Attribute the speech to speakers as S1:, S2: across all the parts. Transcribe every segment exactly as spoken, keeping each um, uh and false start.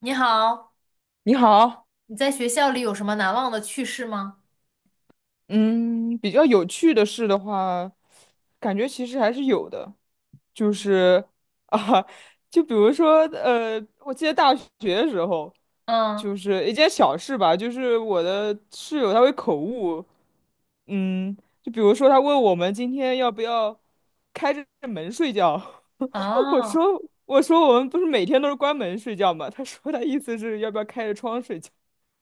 S1: 你好，
S2: 你好，
S1: 你在学校里有什么难忘的趣事吗？
S2: 嗯，比较有趣的事的话，感觉其实还是有的，就是啊，就比如说，呃，我记得大学的时候，
S1: 嗯，
S2: 就是一件小事吧，就是我的室友他会口误，嗯，就比如说他问我们今天要不要开着门睡觉，我
S1: 哦
S2: 说我说我们不是每天都是关门睡觉吗？他说他意思是要不要开着窗睡觉。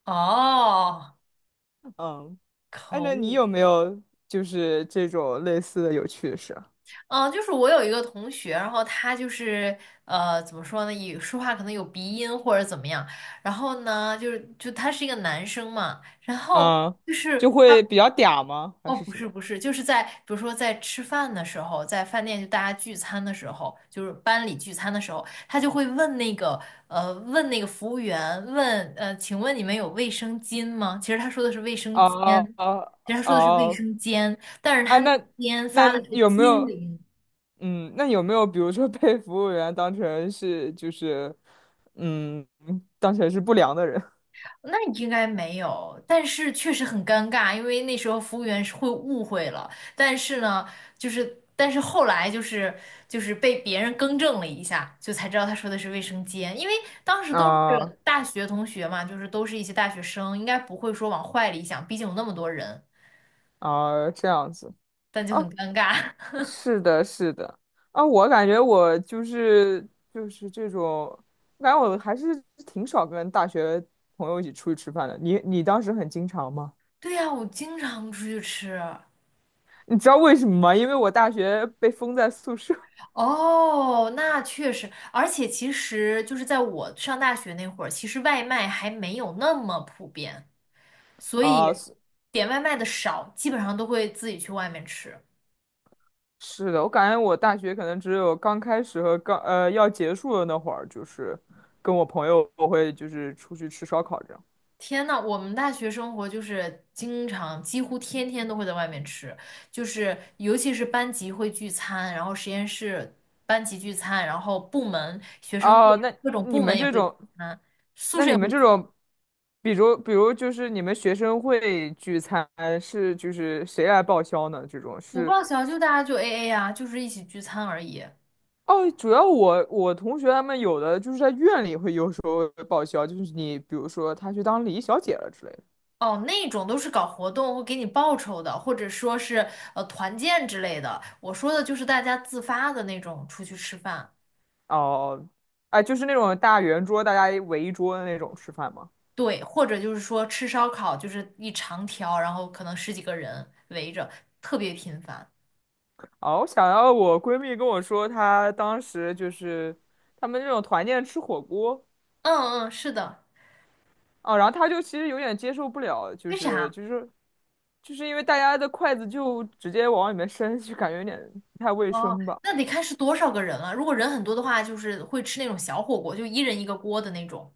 S1: 哦，
S2: 嗯，
S1: 可
S2: 哎，那你
S1: 恶，
S2: 有没有就是这种类似的有趣的事啊？
S1: 嗯，就是我有一个同学，然后他就是呃，怎么说呢，也说话可能有鼻音或者怎么样。然后呢，就是就他是一个男生嘛，然后
S2: 嗯，
S1: 就
S2: 就
S1: 是他
S2: 会比较嗲吗？还
S1: 哦，
S2: 是
S1: 不
S2: 什
S1: 是
S2: 么？
S1: 不是，就是在比如说在吃饭的时候，在饭店就大家聚餐的时候，就是班里聚餐的时候，他就会问那个呃问那个服务员问呃，请问你们有卫生巾吗？其实他说的是卫生间，
S2: 哦哦
S1: 其实他说的是卫
S2: 哦，
S1: 生间，但是
S2: 啊，
S1: 他那个
S2: 那
S1: 间
S2: 那
S1: 发的是
S2: 有没
S1: 金
S2: 有？
S1: 陵，
S2: 嗯，那有没有比如说被服务员当成是就是嗯，当成是不良的人
S1: 那应该没有，但是确实很尴尬，因为那时候服务员是会误会了。但是呢，就是但是后来就是就是被别人更正了一下，就才知道他说的是卫生间，因为当时都
S2: 啊
S1: 是大学同学嘛，就是都是一些大学生，应该不会说往坏里想，毕竟有那么多人，
S2: 啊这样子？
S1: 但就
S2: 啊。
S1: 很尴尬。
S2: 是的，是的，啊，我感觉我就是就是这种，我感觉我还是挺少跟大学朋友一起出去吃饭的。你你当时很经常吗？
S1: 对呀，我经常出去吃。
S2: 你知道为什么吗？因为我大学被封在宿舍
S1: 哦，那确实，而且其实就是在我上大学那会儿，其实外卖还没有那么普遍。所
S2: 啊。
S1: 以
S2: 是
S1: 点外卖的少，基本上都会自己去外面吃。
S2: 是的，我感觉我大学可能只有刚开始和刚呃要结束的那会儿，就是跟我朋友我会就是出去吃烧烤这样。
S1: 天呐，我们大学生活就是经常，几乎天天都会在外面吃，就是尤其是班级会聚餐，然后实验室班级聚餐，然后部门学生会
S2: 哦，那
S1: 各种
S2: 你
S1: 部门
S2: 们
S1: 也
S2: 这
S1: 会聚
S2: 种。
S1: 餐，宿
S2: 那
S1: 舍
S2: 你
S1: 也会
S2: 们这
S1: 聚。
S2: 种，比如比如就是你们学生会聚餐是就是谁来报销呢？这种
S1: 不
S2: 是，
S1: 报销就大家就 A A 啊，就是一起聚餐而已。
S2: 哦，主要我我同学他们有的就是在院里会有时候会报销，就是你比如说他去当礼仪小姐了之类的。
S1: 哦，那种都是搞活动会给你报酬的，或者说是呃团建之类的。我说的就是大家自发的那种出去吃饭。
S2: 哦，哎，就是那种大圆桌，大家围一桌的那种吃饭吗？
S1: 对，或者就是说吃烧烤，就是一长条，然后可能十几个人围着，特别频繁。
S2: 哦，我想到我闺蜜跟我说，她当时就是他们这种团建吃火锅。
S1: 嗯嗯，是的。
S2: 哦，然后他就其实有点接受不了，就
S1: 为
S2: 是
S1: 啥？
S2: 就是就是因为大家的筷子就直接往里面伸，就感觉有点不太卫
S1: 哦，
S2: 生吧。
S1: 那得看是多少个人了。如果人很多的话，就是会吃那种小火锅，就一人一个锅的那种。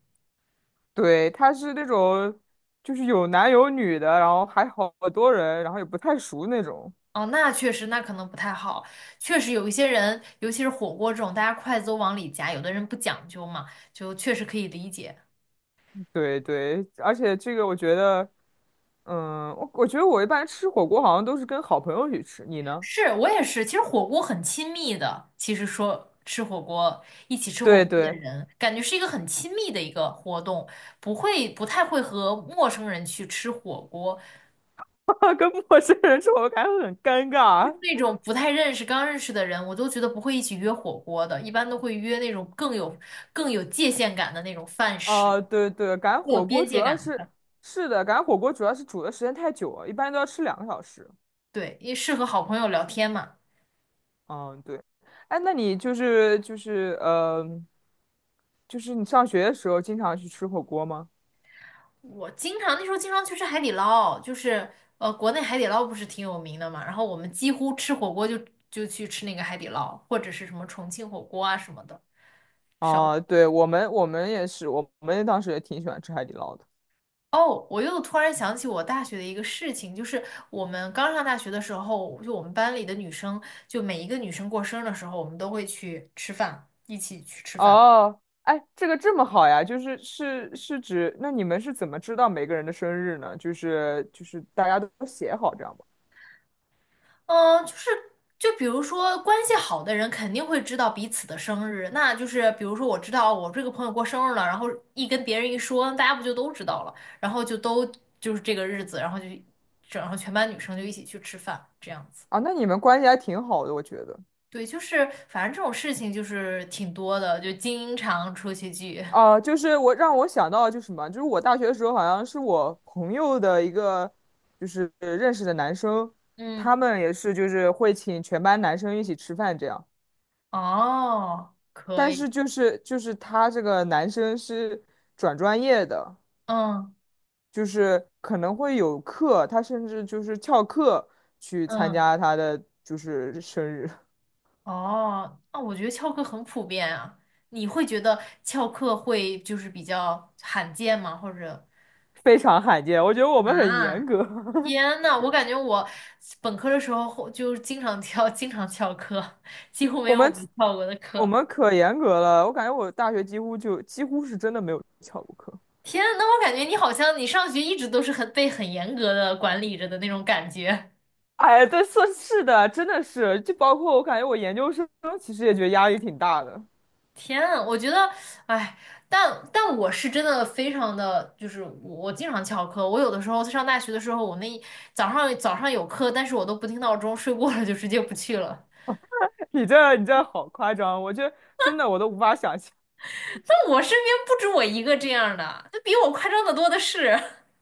S2: 对，他是那种就是有男有女的，然后还好多人，然后也不太熟那种。
S1: 哦，那确实，那可能不太好。确实有一些人，尤其是火锅这种，大家筷子都往里夹，有的人不讲究嘛，就确实可以理解。
S2: 对对，而且这个我觉得，嗯，我我觉得我一般吃火锅好像都是跟好朋友去吃，你呢？
S1: 是我也是，其实火锅很亲密的。其实说吃火锅，一起 吃火
S2: 对
S1: 锅的
S2: 对，
S1: 人，感觉是一个很亲密的一个活动，不会不太会和陌生人去吃火锅。
S2: 跟陌生人吃火锅感觉很尴尬。
S1: 那种不太认识、刚认识的人，我都觉得不会一起约火锅的，一般都会约那种更有更有界限感的那种饭食，
S2: 哦，对对，赶
S1: 更有
S2: 火锅
S1: 边
S2: 主
S1: 界
S2: 要
S1: 感的。
S2: 是是的，赶火锅主要是煮的时间太久了，一般都要吃两个小时。
S1: 对，因为适合好朋友聊天嘛。
S2: 嗯，对。哎，那你就是就是呃，就是你上学的时候经常去吃火锅吗？
S1: 我经常那时候经常去吃海底捞，就是呃，国内海底捞不是挺有名的嘛，然后我们几乎吃火锅就就去吃那个海底捞，或者是什么重庆火锅啊什么的。烧
S2: 哦，对，我们我们也是，我们当时也挺喜欢吃海底捞的。
S1: 哦，我又突然想起我大学的一个事情，就是我们刚上大学的时候，就我们班里的女生，就每一个女生过生日的时候，我们都会去吃饭，一起去吃饭。
S2: 哦，哎，这个这么好呀，就是是是指，那你们是怎么知道每个人的生日呢？就是就是大家都写好这样吧？
S1: 嗯，呃就是就比如说关系好的人肯定会知道彼此的生日，那就是比如说我知道我这个朋友过生日了，然后一跟别人一说，大家不就都知道了，然后就都就是这个日子，然后就整上全班女生就一起去吃饭，这样子。
S2: 啊，那你们关系还挺好的，我觉得。
S1: 对，就是反正这种事情就是挺多的，就经常出去聚。
S2: 哦，就是我让我想到就是什么，就是我大学的时候好像是我朋友的一个就是认识的男生，
S1: 嗯，
S2: 他们也是就是会请全班男生一起吃饭这样，
S1: 哦，可
S2: 但
S1: 以，
S2: 是就是就是他这个男生是转专业的，
S1: 嗯
S2: 就是可能会有课，他甚至就是翘课去参
S1: 嗯。
S2: 加他的就是生日，
S1: 哦，那我觉得翘课很普遍啊。你会觉得翘课会就是比较罕见吗？或者
S2: 非常罕见，我觉得我们很严
S1: 啊，
S2: 格。
S1: 天呐，我感觉我本科的时候后就是经常翘，经常翘课，几乎没
S2: 我
S1: 有我
S2: 们
S1: 没翘过的
S2: 我
S1: 课。
S2: 们可严格了，我感觉我大学几乎就几乎是真的没有翘过课。
S1: 天呐，那我感觉你好像你上学一直都是很被很严格的管理着的那种感觉。
S2: 哎，对，是是的，真的是，就包括我感觉我研究生其实也觉得压力挺大的。
S1: 天啊，我觉得，哎，但但我是真的非常的，就是我我经常翘课，我有的时候上大学的时候，我那一早上早上有课，但是我都不听闹钟，睡过了就直接不去了。
S2: 你这你这好夸张，我这真的我都无法想象
S1: 那我身边不止我一个这样的，那比我夸张的多的是。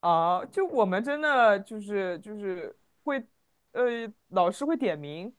S2: 啊！就我们真的就是就是会，呃，老师会点名，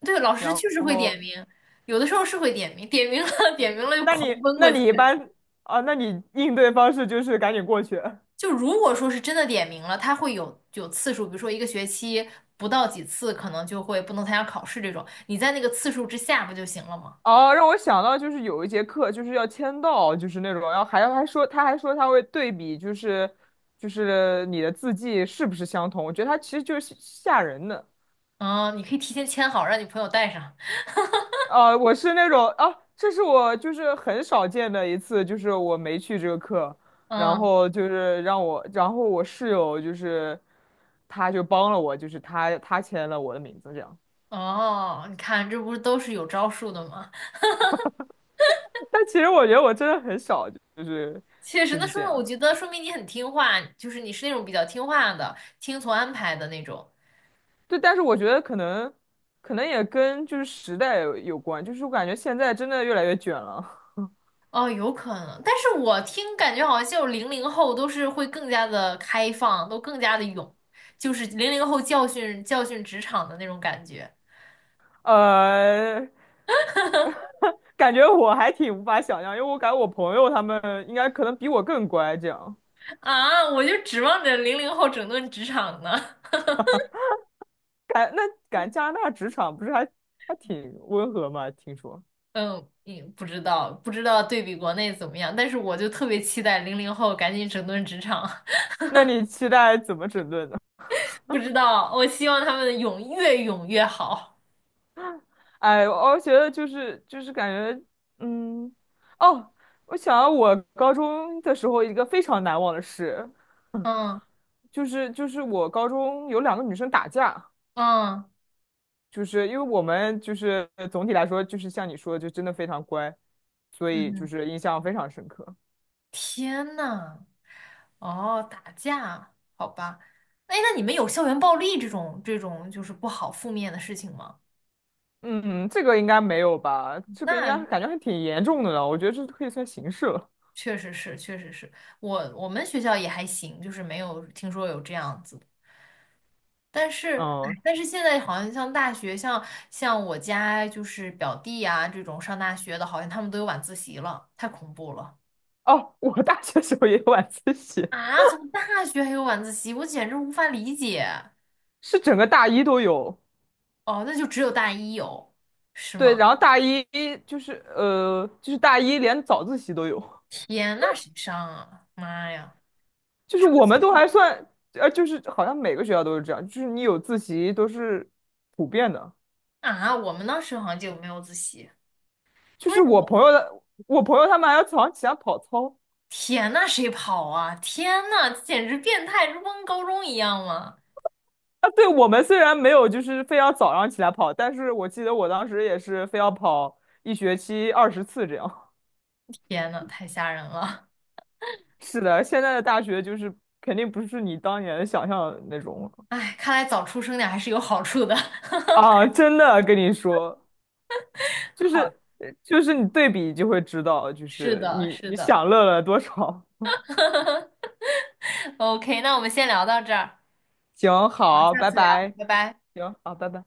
S1: 对，老师
S2: 然
S1: 确实会点
S2: 后
S1: 名，有的时候是会点名，点名了 点名了就
S2: 那
S1: 狂
S2: 你
S1: 奔过
S2: 那
S1: 去。
S2: 你一般啊，那你应对方式就是赶紧过去。
S1: 就如果说是真的点名了，他会有有次数，比如说一个学期不到几次，可能就会不能参加考试这种，你在那个次数之下不就行了吗？
S2: 哦，让我想到就是有一节课就是要签到，就是那种，然后还要还说他还说他会对比，就是就是你的字迹是不是相同？我觉得他其实就是吓人的。
S1: 哦，你可以提前签好，让你朋友带上。
S2: 啊，我是那种啊，这是我就是很少见的一次，就是我没去这个课，然
S1: 嗯，
S2: 后就是让我，然后我室友就是他就帮了我，就是他他签了我的名字这样。
S1: 哦，你看，这不是都是有招数的吗？
S2: 但其实我觉得我真的很少，就是
S1: 确实，
S2: 就
S1: 那
S2: 是
S1: 说
S2: 这
S1: 明我
S2: 样。
S1: 觉得说明你很听话，就是你是那种比较听话的，听从安排的那种。
S2: 对，但是我觉得可能可能也跟就是时代有有关，就是我感觉现在真的越来越卷了，
S1: 哦，有可能，但是我听感觉好像就零零后都是会更加的开放，都更加的勇，就是零零后教训教训职场的那种感觉
S2: 呃，感觉我还挺无法想象，因为我感觉我朋友他们应该可能比我更乖，这样
S1: 啊！我就指望着零零后整顿职场呢。
S2: 感那感觉加拿大职场不是还还挺温和嘛？听说，
S1: 嗯，也不知道，不知道对比国内怎么样，但是我就特别期待零零后赶紧整顿职场，
S2: 那你期待怎么整顿呢？
S1: 不知道，我希望他们勇越勇越好。
S2: 哎，我觉得就是就是感觉，嗯，哦，我想到我高中的时候一个非常难忘的事。
S1: 嗯
S2: 就是就是我高中有两个女生打架，
S1: 嗯
S2: 就是因为我们就是呃总体来说就是像你说的，就真的非常乖，所以就
S1: 嗯，
S2: 是印象非常深刻。
S1: 天呐，哦，打架，好吧，哎，那你们有校园暴力这种这种就是不好负面的事情吗？
S2: 嗯，这个应该没有吧？这个应该
S1: 那
S2: 感觉还挺严重的呢，我觉得这可以算刑事了。
S1: 确实是，确实是我我们学校也还行，就是没有听说有这样子。但是，哎
S2: 嗯，
S1: 但是现在好像像大学，像像我家就是表弟啊这种上大学的，好像他们都有晚自习了，太恐怖了
S2: 哦，我大学时候也有晚自习，
S1: 啊！怎么大学还有晚自习？我简直无法理解。
S2: 是整个大一都有。
S1: 哦，那就只有大一有，是
S2: 对，
S1: 吗？
S2: 然后大一就是呃，就是大一连早自习都有。
S1: 天，那谁上啊？妈呀，
S2: 就是
S1: 这不
S2: 我们都还算，呃，就是好像每个学校都是这样，就是你有自习都是普遍的。
S1: 啊！我们当时好像就没有自习。
S2: 就
S1: 不是
S2: 是
S1: 你
S2: 我
S1: 们，
S2: 朋友的，我朋友他们还要早上起来跑操
S1: 天呐，谁跑啊？天呐，简直变态，这不跟高中一样吗？
S2: 啊。对，我们虽然没有就是非要早上起来跑，但是我记得我当时也是非要跑一学期二十次这样。
S1: 天呐，太吓人了！
S2: 是的，现在的大学就是肯定不是你当年想象的那种了
S1: 哎，看来早出生点还是有好处的。
S2: 啊！真的跟你说，就
S1: 好，
S2: 是呃就是你对比就会知道，就
S1: 是
S2: 是
S1: 的，
S2: 你
S1: 是
S2: 你
S1: 的。
S2: 享乐了多少。
S1: OK，那我们先聊到这儿，
S2: 行，
S1: 好，
S2: 好，
S1: 下
S2: 拜
S1: 次聊，
S2: 拜。
S1: 拜拜。
S2: 行，好，拜拜。